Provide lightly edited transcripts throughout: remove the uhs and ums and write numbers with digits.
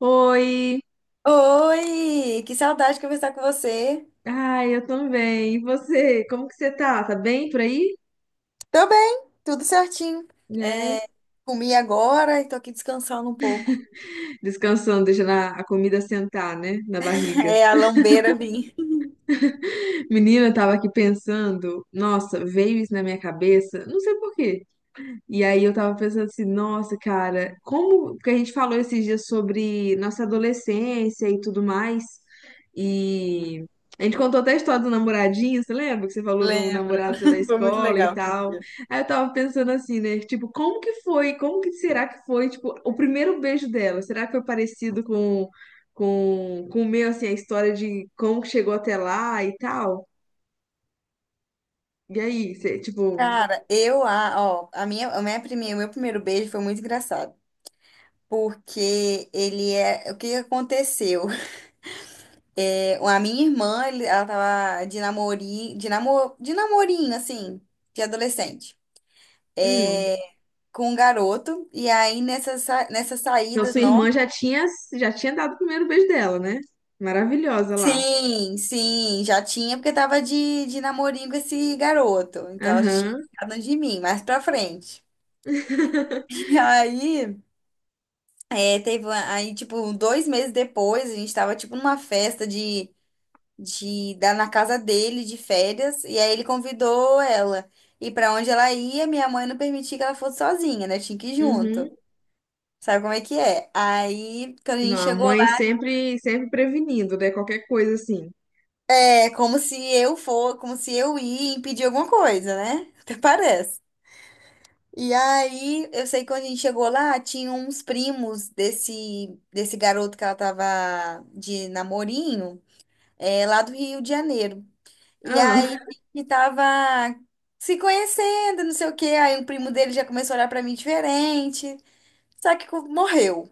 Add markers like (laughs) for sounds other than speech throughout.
Oi, Oi, que saudade de conversar com você. ai, eu também. E você? Como que você tá? Tá bem por aí? Tô bem, tudo certinho. Né? É, comi agora e tô aqui descansando um pouco. Descansando, deixando a comida sentar, né? Na (laughs) barriga. É, a lambeira vim. Menina, eu tava aqui pensando, nossa, veio isso na minha cabeça, não sei porquê. E aí eu tava pensando assim, nossa, cara, como que a gente falou esses dias sobre nossa adolescência e tudo mais. E a gente contou até a história do namoradinho, você lembra que você falou do Lembro. namorado seu da (laughs) Foi muito escola e legal aquele tal? dia. Aí eu tava pensando assim, né, tipo, como que foi? Como que será que foi, tipo, o primeiro beijo dela? Será que foi parecido com com o meu, assim, a história de como que chegou até lá e tal? E aí, você, tipo, Cara, eu, a, ó, a minha primeira, o meu primeiro beijo foi muito engraçado. Porque ele é. O que que aconteceu? É, a minha irmã, ela tava de namorinho, de namorinho, assim, de adolescente. hum. É, com um garoto, e aí nessas Então, saídas, sua nossa. irmã já tinha dado o primeiro beijo dela, né? Maravilhosa lá. Sim, sim, já tinha, porque tava de namorinho com esse garoto. Então ela já tinha Aham. ficado de mim, mais pra frente. (laughs) (laughs) E aí, teve, aí, tipo, 2 meses depois, a gente tava, tipo, numa festa na casa dele, de férias, e aí ele convidou ela. E pra onde ela ia, minha mãe não permitia que ela fosse sozinha, né? Tinha que ir junto. Uhum. Sabe como é que é? Aí, quando a Não, gente a chegou. mãe sempre, sempre prevenindo, né? Qualquer coisa assim. É como se eu ia impedir alguma coisa, né? (laughs) Até parece. E aí, eu sei que quando a gente chegou lá, tinha uns primos desse garoto que ela tava de namorinho, lá do Rio de Janeiro. E aí, Ah, que tava se conhecendo, não sei o quê. Aí, o primo dele já começou a olhar pra mim diferente. Só que morreu.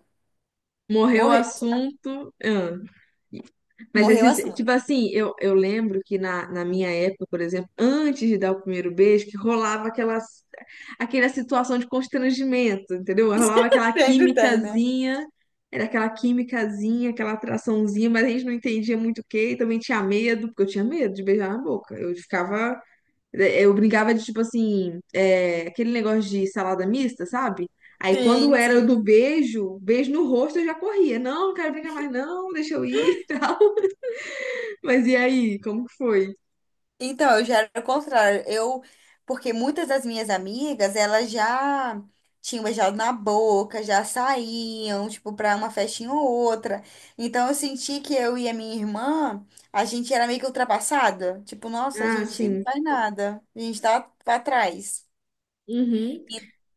(laughs) morreu o Morreu. assunto. Ah. Mas Morreu o esses, assunto. tipo assim, eu lembro que na minha época, por exemplo, antes de dar o primeiro beijo, que rolava aquela situação de constrangimento, entendeu? Rolava aquela (laughs) Sempre tem, né? químicazinha, era aquela químicazinha, aquela atraçãozinha, mas a gente não entendia muito o quê, e também tinha medo, porque eu tinha medo de beijar na boca. Eu brincava de, tipo assim, aquele negócio de salada mista, sabe? Aí quando Sim, era sim. do beijo, beijo no rosto, eu já corria. Não, não quero brincar mais, não, deixa eu ir (laughs) e tal. Mas e aí, como que foi? Então, eu já era o contrário. Porque muitas das minhas amigas, elas já tinham beijado na boca, já saíam, tipo, pra uma festinha ou outra. Então, eu senti que eu e a minha irmã, a gente era meio que ultrapassada. Tipo, nossa, a Ah, gente não sim. faz nada. A gente tá pra trás. Uhum.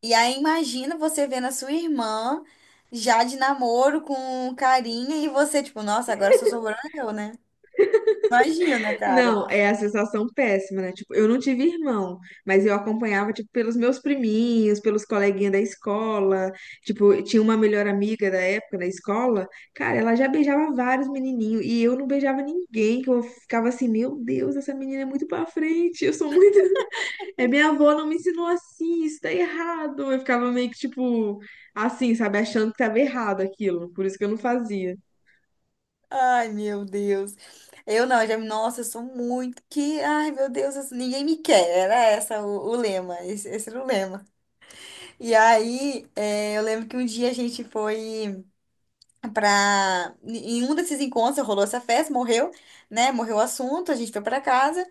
E aí, imagina você vendo a sua irmã já de namoro com carinha e você, tipo, nossa, agora só sobrou eu, né? Imagina, cara. Não, é a sensação péssima, né? Tipo, eu não tive irmão, mas eu acompanhava, tipo, pelos meus priminhos, pelos coleguinhas da escola. Tipo, eu tinha uma melhor amiga da época da escola. Cara, ela já beijava vários menininhos e eu não beijava ninguém, que eu ficava assim, meu Deus, essa menina é muito pra frente, eu sou muito... (laughs) É, minha avó não me ensinou assim, isso tá errado. Eu ficava meio que, tipo, assim, sabe? Achando que tava errado aquilo, por isso que eu não fazia. Ai, meu Deus. Eu não, já, nossa, eu sou muito que, ai, meu Deus, assim, ninguém me quer. Era essa o lema, esse era o lema. E aí, eu lembro que um dia a gente foi pra. Em um desses encontros rolou essa festa, morreu, né? Morreu o assunto, a gente foi pra casa.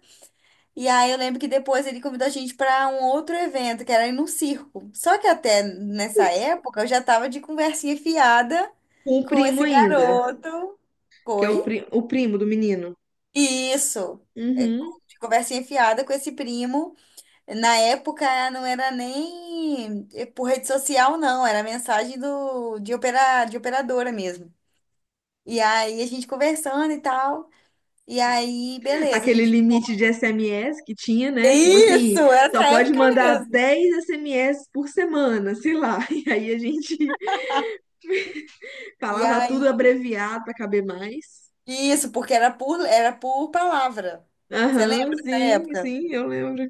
E aí eu lembro que depois ele convidou a gente pra um outro evento, que era ir num circo. Só que até nessa época eu já tava de conversinha fiada Com o com primo esse ainda, garoto. que é Foi. O primo do menino. Isso. É, Uhum. de conversa enfiada com esse primo. Na época não era nem por rede social, não. Era mensagem de operadora mesmo. E aí a gente conversando e tal. E aí, beleza, a Aquele gente. limite de SMS que tinha, né? Tipo assim, Isso, essa só pode época mandar mesmo. 10 SMS por semana, sei lá. (laughs) E aí a gente E falava tudo aí, abreviado para caber mais. isso, porque era por palavra. Você lembra Aham, dessa sim, época? sim, eu lembro.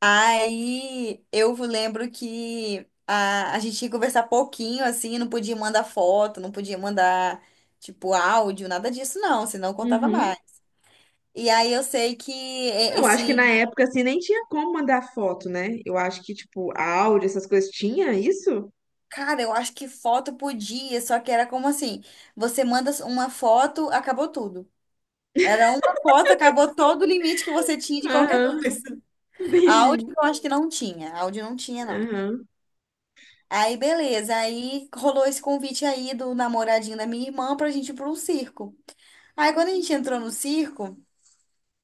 Aí eu lembro que a gente tinha que conversar pouquinho, assim, não podia mandar foto, não podia mandar, tipo, áudio, nada disso, não, senão eu contava Uhum. mais. E aí eu sei que Não, acho que na esse. época assim nem tinha como mandar foto, né? Eu acho que tipo áudio, essas coisas tinha isso? Cara, eu acho que foto podia, só que era como assim: você manda uma foto, acabou tudo. Era uma foto, acabou todo o limite que você tinha de qualquer Aham, coisa. (laughs) (laughs) entendi. Áudio eu acho que não tinha, áudio não tinha, não. Aham. Aí, beleza. Aí rolou esse convite aí do namoradinho da minha irmã pra gente ir pra um circo. Aí, quando a gente entrou no circo,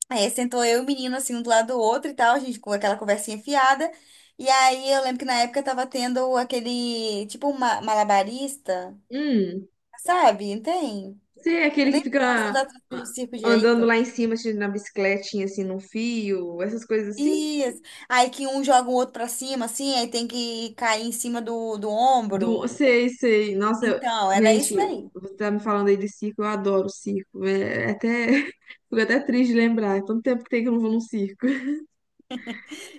aí sentou eu e o menino assim, um do lado do outro e tal, a gente com aquela conversinha fiada. E aí, eu lembro que na época tava tendo aquele, tipo, um malabarista, Hum, sabe? Não tem? Você é Eu aquele nem que fica posso ah, dar do circo andando direito. lá em cima assim, na bicicletinha assim num fio, essas coisas assim? Isso. Aí que um joga o outro pra cima, assim, aí tem que cair em cima do, do Do, ombro. sei, sei. Nossa, Então, era gente, isso daí. você tá me falando aí de circo, eu adoro circo. É até, (laughs) fico até triste de lembrar. É tanto tempo que tem que eu não vou num circo.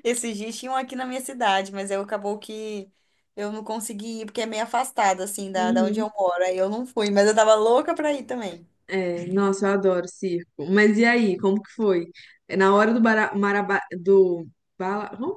Esses dias tinham aqui na minha cidade, mas eu acabou que eu não consegui ir, porque é meio afastado, assim, da, da onde eu Uhum. moro. Aí eu não fui, mas eu tava louca pra ir também. É, nossa, eu adoro circo. Mas e aí, como que foi? É, na hora do, bara, maraba, do bala- hum?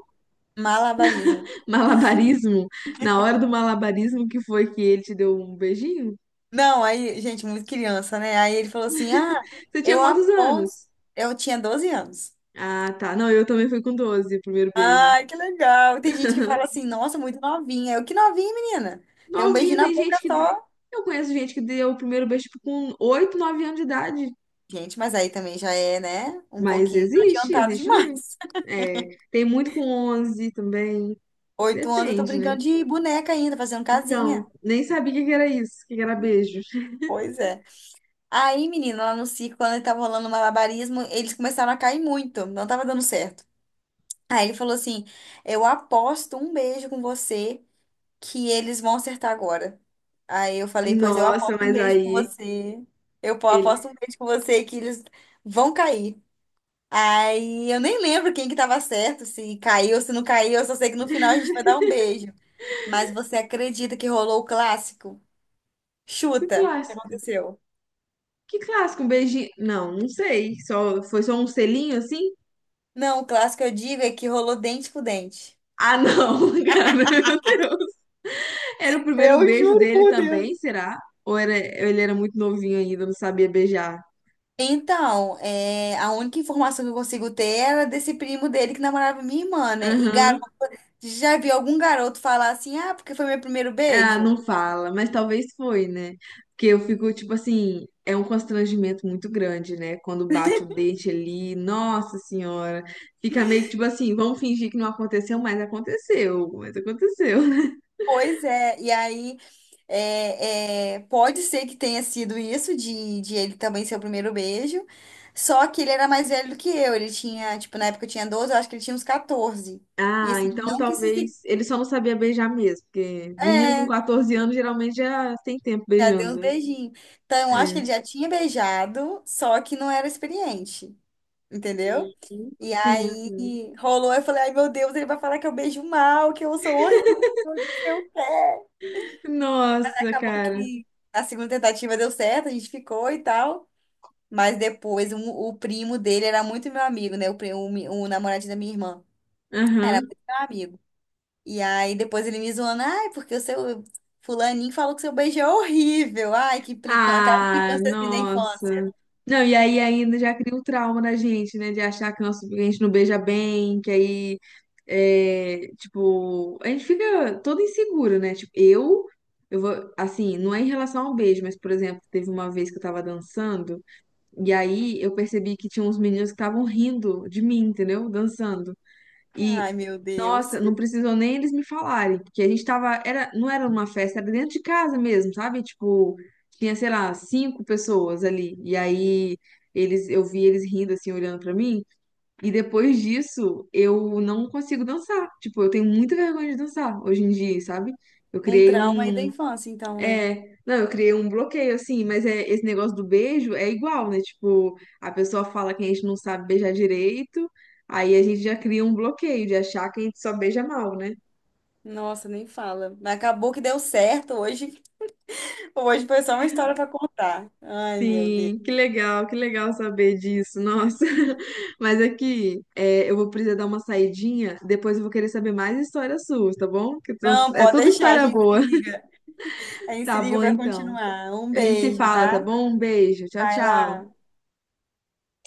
(laughs) Malabarismo. malabarismo, na hora do malabarismo que foi que ele te deu um beijinho? Não, aí, gente, muito criança, né? Aí ele falou assim: ah, Você tinha eu quantos aposto. anos? Eu tinha 12 anos. Ah, tá. Não, eu também fui com 12 o primeiro beijo. Ai, que legal. Tem gente que fala (laughs) assim, nossa, muito novinha. Eu, que novinha, menina. Tem um Novinha, beijinho na tem boca gente que. só. Eu conheço gente que deu o primeiro beijo tipo, com 8 9 anos de idade. Gente, mas aí também já é, né? Um Mas pouquinho existe, adiantado existe muito. demais. É, tem muito com 11 também. (laughs) 8 anos eu tô Depende, né? brincando de boneca ainda, fazendo casinha. Então, nem sabia o que que era isso, o que que era beijo. Pois é. Aí, menino, lá no circo, quando tava rolando malabarismo, eles começaram a cair muito, não tava dando certo. Aí ele falou assim: eu aposto um beijo com você que eles vão acertar agora. Aí eu falei: pois eu Nossa, aposto um mas beijo com aí você. Ele. Aposto um beijo com você que eles vão cair. Aí eu nem lembro quem que tava certo, se caiu, se não caiu, eu só sei que no final a gente vai dar um beijo. Mas você acredita que rolou o clássico? Que Chuta, o que clássico. aconteceu? Que clássico, um beijinho. Não, não sei. Foi só um selinho assim? Não, o clássico eu digo é que rolou dente com dente. Ah, não, (laughs) cara, meu Deus. Era o primeiro Eu beijo juro dele por Deus. também, será? Ou ele era muito novinho ainda, não sabia beijar? Então, é, a única informação que eu consigo ter era desse primo dele que namorava minha irmã, né? E Aham. garoto, já vi algum garoto falar assim, ah, porque foi meu primeiro Ah, beijo? não fala, mas talvez foi, né? Porque eu fico, tipo assim, é um constrangimento muito grande, né? Quando bate o dente ali, nossa senhora, fica meio que tipo assim, vamos fingir que não aconteceu, mas aconteceu, mas aconteceu, né? (laughs) Pois é, e aí pode ser que tenha sido isso de ele também ser o primeiro beijo, só que ele era mais velho do que eu, ele tinha, tipo, na época eu tinha 12. Eu acho que ele tinha uns 14. E Ah, assim, então não que isso se... talvez ele só não sabia beijar mesmo, porque menino com é, 14 anos geralmente já tem tempo Já deu beijando, os né? beijinhos. Então, eu acho que É. ele já tinha beijado, só que não era experiente, Uhum. entendeu? E Sim. aí Sim. rolou, eu falei, ai meu Deus, ele vai falar que eu beijo mal, que eu sou horrível, não sei o quê. Nossa, Acabou cara. que a segunda tentativa deu certo, a gente ficou e tal. Mas depois o primo dele era muito meu amigo, né? O, primo, o, mi- O namoradinho da minha irmã, Aham. meu amigo. E aí depois ele me zoando, ai, porque o seu fulaninho falou que seu beijo é horrível. Ai, que implicância, aquela Ah, implicância assim da infância. nossa. Não, e aí ainda já cria o trauma na gente, né? De achar que nosso que a gente não beija bem, que aí, é, tipo, a gente fica todo inseguro, né? Tipo, eu vou, assim, não é em relação ao beijo, mas, por exemplo, teve uma vez que eu tava dançando, e aí eu percebi que tinha uns meninos que estavam rindo de mim, entendeu? Dançando. Ai, E, meu Deus. nossa, não precisou nem eles me falarem, porque a gente tava, era, não era uma festa, era dentro de casa mesmo, sabe? Tipo, tinha, sei lá, cinco pessoas ali. E aí eles, eu vi eles rindo assim, olhando pra mim, e depois disso eu não consigo dançar. Tipo, eu tenho muita vergonha de dançar hoje em dia, sabe? Eu Um criei trauma aí da um, infância, então, né? é, não, eu criei um bloqueio, assim, mas é, esse negócio do beijo é igual, né? Tipo, a pessoa fala que a gente não sabe beijar direito, aí a gente já cria um bloqueio de achar que a gente só beija mal, né? Nossa, nem fala. Mas acabou que deu certo hoje. Hoje foi só uma história para contar. Ai, meu Deus. Sim, que legal saber disso, nossa. (laughs) Mas aqui, é, eu vou precisar dar uma saidinha, depois eu vou querer saber mais histórias suas, tá bom? Que Não, é pode tudo deixar, a história gente se boa. (laughs) liga. A gente se Tá liga bom, para então. continuar. Um A gente se beijo, fala, tá tá? bom? Um beijo, tchau, Vai lá. tchau.